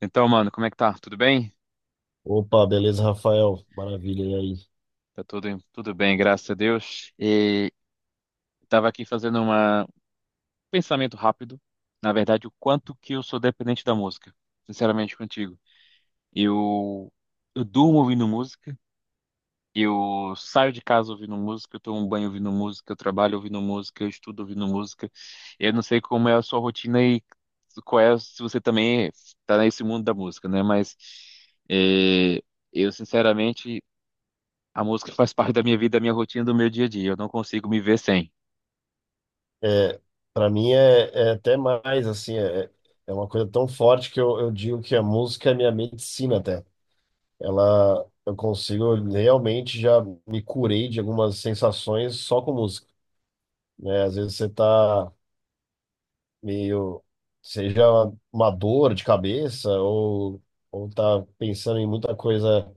Então, mano, como é que tá? Tudo bem? Opa, beleza, Rafael? Maravilha, e aí? Tá tudo bem, graças a Deus. E tava aqui fazendo um pensamento rápido. Na verdade, o quanto que eu sou dependente da música, sinceramente contigo. Eu, eu durmo ouvindo música, eu saio de casa ouvindo música, eu tomo um banho ouvindo música, eu trabalho ouvindo música, eu estudo ouvindo música. Eu não sei como é a sua rotina e qual é, se você também tá nesse mundo da música, né? Mas eh, eu, sinceramente. A música faz parte da minha vida, da minha rotina, do meu dia a dia. Eu não consigo me ver sem. É, para mim é até mais, assim, é, é uma coisa tão forte que eu digo que a música é minha medicina até. Ela, eu consigo, eu realmente já me curei de algumas sensações só com música, né? Às vezes você tá meio, seja uma dor de cabeça ou tá pensando em muita coisa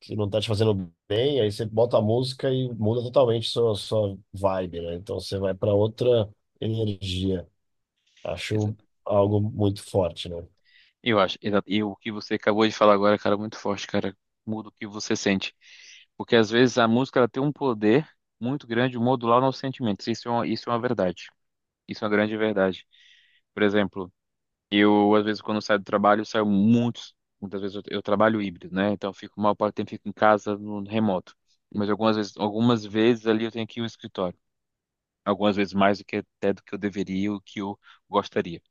que não tá te fazendo bem, aí você bota a música e muda totalmente sua vibe, né? Então você vai para outra energia. Exa- Acho algo muito forte, né? Eu acho, e o que você acabou de falar agora, cara, é muito forte, cara. Muda o que você sente. Porque às vezes a música ela tem um poder muito grande de modular nossos sentimentos. Isso é uma verdade. Isso é uma grande verdade. Por exemplo, eu, às vezes, quando saio do trabalho, saio muitos. Muitas vezes eu trabalho híbrido, né? Então, eu fico, mal parte do tempo fico em casa, no remoto. Mas algumas vezes ali eu tenho que ir ao escritório. Algumas vezes mais do que até do que eu deveria, o que eu gostaria.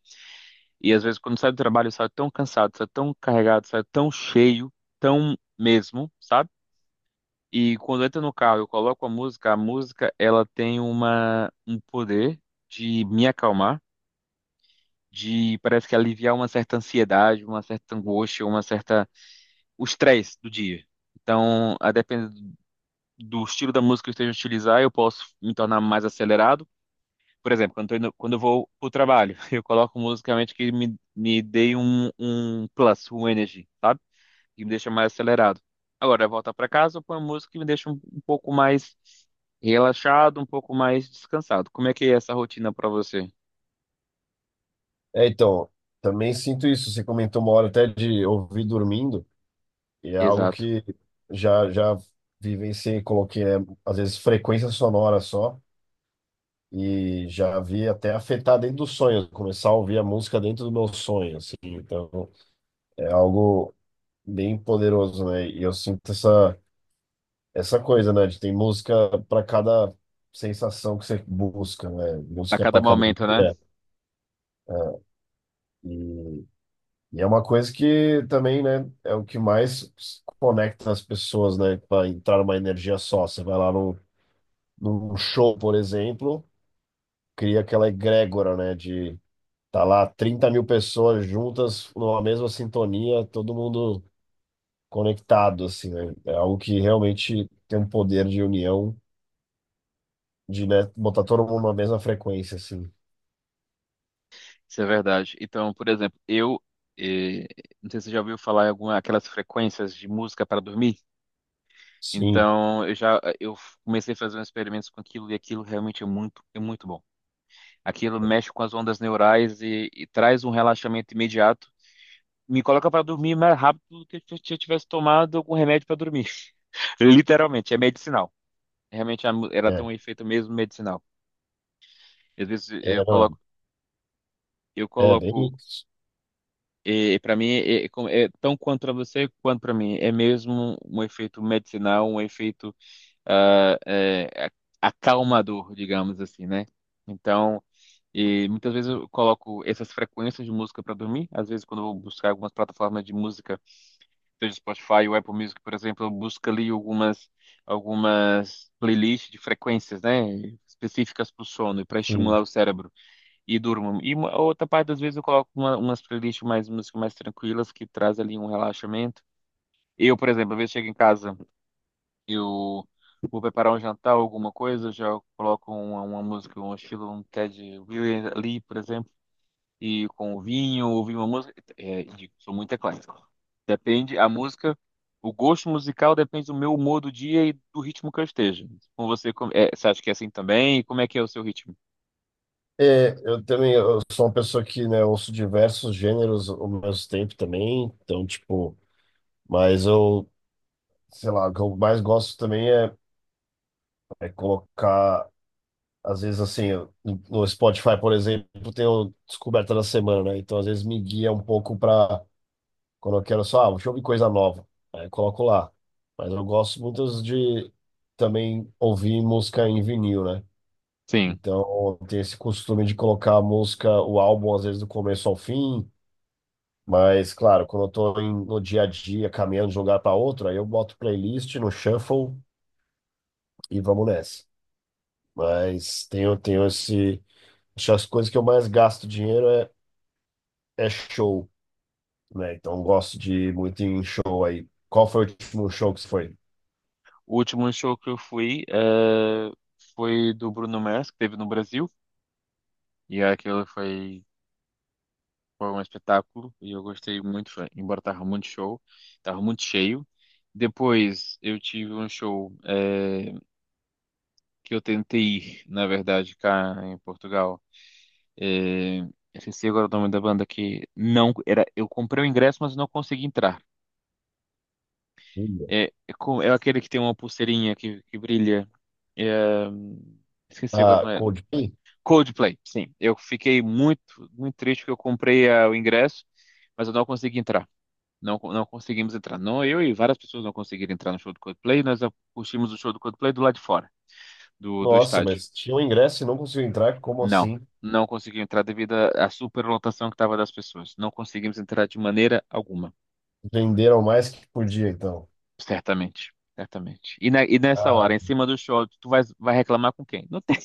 E às vezes, quando saio do trabalho, eu saio tão cansado, saio tão carregado, saio tão cheio, tão mesmo, sabe? E quando eu entro no carro, eu coloco a música, ela tem um poder de me acalmar, de parece que aliviar uma certa ansiedade, uma certa angústia, uma certa o estresse do dia. Então, a depender do estilo da música que eu esteja a utilizar, eu posso me tornar mais acelerado. Por exemplo, quando eu vou pro trabalho, eu coloco musicalmente que me dê um plus, um energy, sabe? Que me deixa mais acelerado. Agora, voltar para casa, eu ponho música que me deixa um pouco mais relaxado, um pouco mais descansado. Como é que é essa rotina para você? É, então, também sinto isso. Você comentou uma hora até de ouvir dormindo, e é algo Exato. que já vivenciei, coloquei, né? Às vezes frequência sonora só. E já vi até afetar dentro do sonho, começar a ouvir a música dentro do meu sonho, assim. Então, é algo bem poderoso, né? E eu sinto essa coisa, né? De tem música para cada sensação que você busca, né? A Música cada para cada momento, né? dia. E, e é uma coisa que também, né, é o que mais conecta as pessoas, né, para entrar numa energia só. Você vai lá no, num show, por exemplo, cria aquela egrégora, né, de tá lá 30 mil pessoas juntas numa mesma sintonia, todo mundo conectado, assim, né? É algo que realmente tem um poder de união, de, né, botar todo mundo na mesma frequência, assim. Isso é verdade. Então, por exemplo, eh, não sei se você já ouviu falar em alguma aquelas frequências de música para dormir. Sim, Então, eu comecei a fazer uns experimentos com aquilo e aquilo realmente é muito bom. Aquilo mexe com as ondas neurais e traz um relaxamento imediato. Me coloca para dormir mais rápido do que se eu tivesse tomado algum remédio para dormir. Literalmente, é medicinal. Realmente ela tem é, um efeito mesmo medicinal. Às vezes é, eu não, coloco eu é, é bem coloco isso. E para mim, é tão quanto para você quanto para mim, é mesmo um efeito medicinal, um efeito ah, é, acalmador, digamos assim, né? Então, e muitas vezes eu coloco essas frequências de música para dormir. Às vezes, quando eu vou buscar algumas plataformas de música, seja Spotify ou Apple Music, por exemplo, eu busco ali algumas playlists de frequências, né, específicas para o sono e para estimular Sim. o cérebro e durmo. E outra parte das vezes eu coloco umas playlists mais músicas mais tranquilas que traz ali um relaxamento. Eu, por exemplo, às vezes chego em casa, eu vou preparar um jantar, alguma coisa, eu já coloco uma música, um estilo, um Ted Williams ali, por exemplo, e com o vinho, ouvir uma música. É, digo, sou muito eclético. Depende, a música, o gosto musical depende do meu humor do dia e do ritmo que eu esteja. Com você, é, você acha que é assim também? E como é que é o seu ritmo? É, eu também, eu sou uma pessoa que, né, ouço diversos gêneros ao mesmo tempo também, então, tipo, mas eu, sei lá, o que eu mais gosto também é, é colocar, às vezes, assim, eu- no Spotify, por exemplo, tem o Descoberta da Semana, né, então, às vezes, me guia um pouco para quando eu quero só, ah, deixa eu ouvir coisa nova, aí eu coloco lá, mas eu gosto muito de também ouvir música em vinil, né. Sim. Então, tem esse costume de colocar a música, o álbum, às vezes, do começo ao fim. Mas, claro, quando eu tô em- no dia a dia, caminhando de um lugar para outro, aí eu boto playlist no shuffle e vamos nessa. Mas tenho, tenho esse... Acho que as coisas que eu mais gasto dinheiro é, é show, né? Então, eu gosto de ir muito em show aí. Qual foi o último show que você foi? O último show que eu fui foi do Bruno Mars, que teve no Brasil, e aquele foi um espetáculo, e eu gostei muito, embora tava muito show, tava muito cheio. Depois eu tive um show que eu tentei ir, na verdade, cá em Portugal. Eu esqueci agora o nome da banda que não era. Eu comprei o ingresso, mas não consegui entrar. Olha. É aquele que tem uma pulseirinha que brilha. É, esqueci Ah, agora. Coldplay? Coldplay, sim. Eu fiquei muito, muito triste que eu comprei o ingresso, mas eu não consegui entrar. Não, não conseguimos entrar. Não, eu e várias pessoas não conseguiram entrar no show do Coldplay. Nós assistimos o show do Coldplay do lado de fora, do Nossa, estádio. mas tinha um ingresso e não conseguiu entrar. Como Não, assim? não consegui entrar devido à superlotação que estava das pessoas. Não conseguimos entrar de maneira alguma, Venderam mais que podia, então. certamente. Certamente. E, nessa Ah, hora, em cima do show, tu vai reclamar com quem? Não tem.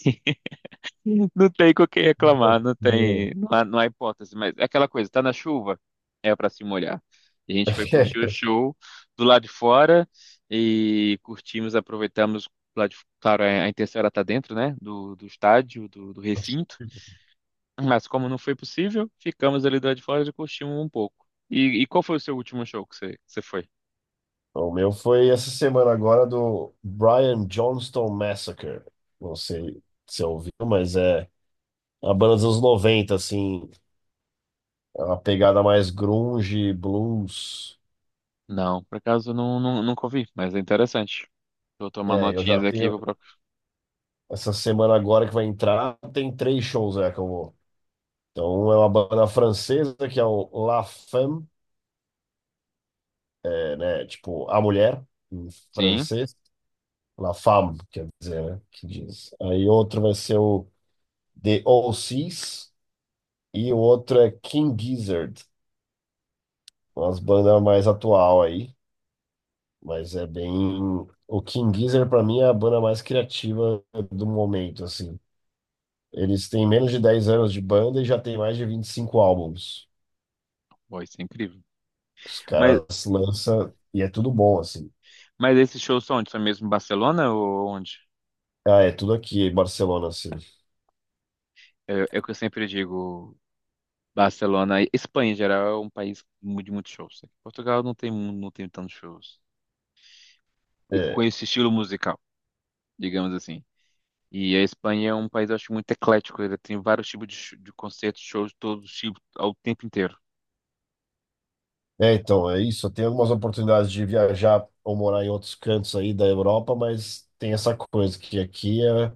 Não tem com quem meu. reclamar, não tem, não há hipótese, mas é aquela coisa, tá na chuva, é pra se molhar. E a gente foi curtir o show do lado de fora e curtimos, aproveitamos, lá de, claro, a intenção era estar dentro, né, do estádio, do recinto, mas como não foi possível, ficamos ali do lado de fora e curtimos um pouco. E, qual foi o seu último show que você foi? O meu foi essa semana agora do Brian Johnston Massacre. Não sei se você ouviu, mas é a banda dos anos 90, assim, é uma pegada mais grunge, blues. Não, por acaso não, não, nunca ouvi, mas é interessante. Vou tomar É, eu notinhas já aqui, tenho vou procurar. essa semana agora que vai entrar, tem três shows é que eu vou. Então é uma banda francesa que é o La Femme, é, né, tipo a mulher em Sim, francês, La Femme, quer dizer, né, que diz. Aí outro vai ser o The O C's e o outro é King Gizzard, umas bandas mais atual aí, mas é bem. O King Gizzard pra mim é a banda mais criativa do momento, assim. Eles têm menos de 10 anos de banda e já tem mais de 25 álbuns. foi, isso é incrível. Os Mas caras lançam e é tudo bom, assim. Esses shows são onde? São mesmo em Barcelona ou onde? Ah, é tudo aqui em Barcelona, assim. É o que eu sempre digo, Barcelona. Espanha, em geral, é um país de muitos shows. Portugal não tem tantos shows. E com É, esse estilo musical, digamos assim. E a Espanha é um país, eu acho, muito eclético. Ele tem vários tipos de concertos, shows de todos os tipos, ao tempo inteiro. é, então, é isso. Eu tenho algumas oportunidades de viajar ou morar em outros cantos aí da Europa, mas tem essa coisa que aqui é.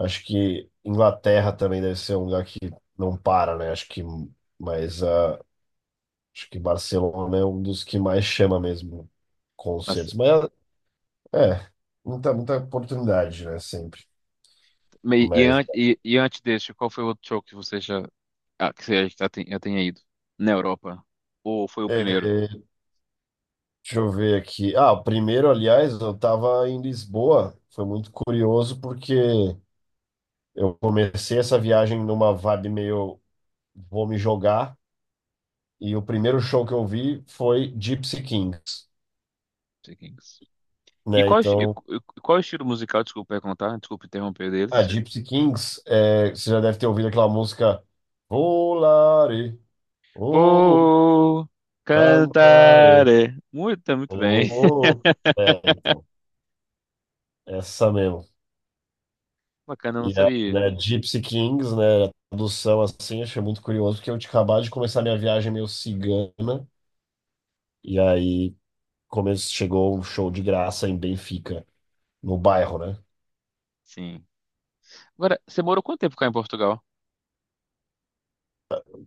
Acho que Inglaterra também deve ser um lugar que não para, né? Acho que, mas ah, acho que Barcelona é um dos que mais chama mesmo Mas, concertos. Mas é, muita oportunidade, né? Sempre. me- e, Mas an- e, e antes desse, qual foi o outro show que você já, já tenha ido? Na Europa? Ou foi o é, primeiro? Não deixa eu ver aqui. Ah, o primeiro, aliás, eu estava em Lisboa. Foi muito curioso porque eu comecei essa viagem numa vibe meio vou me jogar. E o primeiro show que eu vi foi Gypsy Kings, sei quem. E né? qual, esti- e Então. qu- e qual é o estilo musical, desculpa perguntar, desculpa interromper Ah, deles. Gypsy Kings, é, você já deve ter ouvido aquela música Volare, oh, Oh, cantare, cantare. Muito, tá muito bem. oh, oh. É, então, essa mesmo. Bacana, eu não E a, sabia. né, Gypsy Kings, né, a tradução assim, achei muito curioso, porque eu tinha acabado de começar minha viagem meio cigana, e aí come- chegou um show de graça em Benfica, no bairro, né? Sim. Agora, você morou quanto tempo cá em Portugal?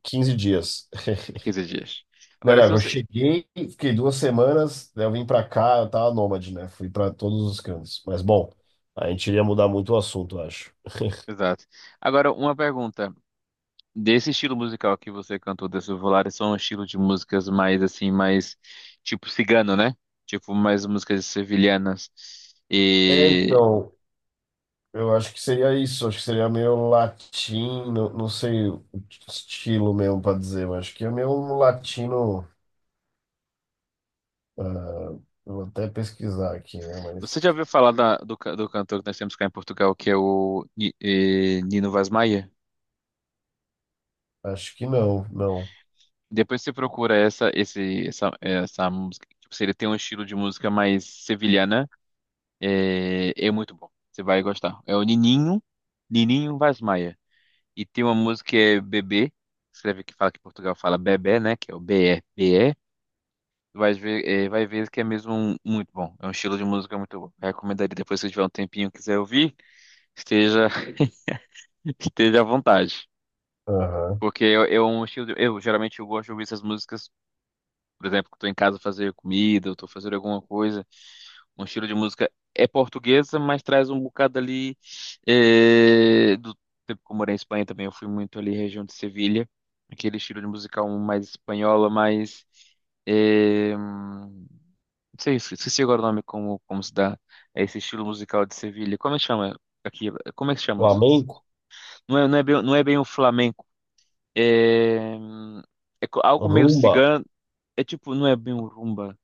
15 dias. 15 dias. Não, Agora, não, se eu você... cheguei, fiquei duas semanas, daí eu vim pra cá, eu tava nômade, né? Fui pra todos os cantos. Mas, bom, a gente iria mudar muito o assunto, eu acho. Exato. Agora, uma pergunta. Desse estilo musical que você cantou, desse Volaris, são um estilo de músicas mais, assim, mais. Tipo cigano, né? Tipo, mais músicas sevilhanas. É, e então, eu acho que seria isso, acho que seria meio latino, não sei o estilo mesmo pra dizer, mas acho que é meio um latino. Ah, eu vou até pesquisar aqui, né? Você Mas já ouviu falar do cantor que nós temos cá em Portugal, que é o Nino Vaz Maia? acho que não, não. Depois você procura essa música. Tipo, se ele tem um estilo de música mais sevilhana, é muito bom. Você vai gostar. É o Nininho Vaz Maia. E tem uma música que é Bebê, escreve que fala que Portugal fala Bebê, né? Que é o Bebê. Vai ver, vai ver que é mesmo muito bom. É um estilo de música muito bom. Recomendaria depois se tiver um tempinho e quiser ouvir, esteja, esteja à vontade. Aham. Porque eu, é um estilo de- eu geralmente eu gosto de ouvir essas músicas, por exemplo, que eu tô em casa fazer comida, eu tô fazendo alguma coisa. Um estilo de música é portuguesa, mas traz um bocado ali do tempo que eu morei em Espanha também, eu fui muito ali região de Sevilha, aquele estilo de musical mais espanhola, mais eh, hum, não sei, esqueci agora o nome como se dá é esse estilo musical de Sevilha. Como é que chama? Aqui, como é que chama? Flamenco, Não é bem o flamenco, é, algo meio rumba, cigano. É tipo, não é bem um rumba.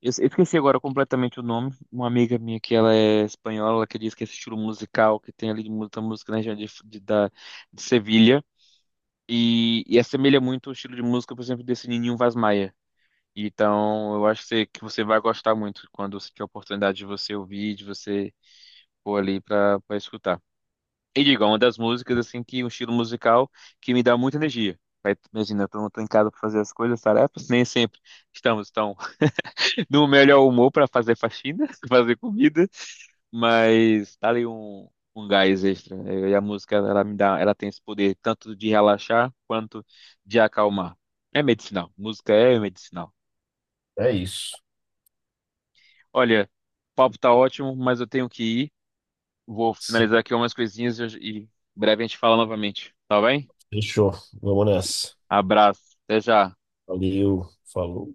Eu esqueci agora completamente o nome. Uma amiga minha que ela é espanhola, ela que diz que esse estilo musical que tem ali de muita música na região de Sevilha. E, assemelha muito o estilo de música, por exemplo, desse Ninho Vaz Maia. Então, eu acho que você vai gostar muito quando você tiver a oportunidade de você ouvir, de você pôr ali para pra escutar. E digo, é uma das músicas, assim, que um estilo musical que me dá muita energia. Aí, imagina, eu não tô em casa pra fazer as coisas, as tarefas, nem sempre estamos tão no melhor humor pra fazer faxina, fazer comida, mas tá ali um gás extra. E a música, ela me dá, ela tem esse poder tanto de relaxar quanto de acalmar. É medicinal, música é medicinal. é isso. Olha, o papo tá ótimo, mas eu tenho que ir. Vou finalizar aqui umas coisinhas e breve a gente fala novamente, tá bem? Fechou, vamos nessa. Abraço, até já. Valeu, falou.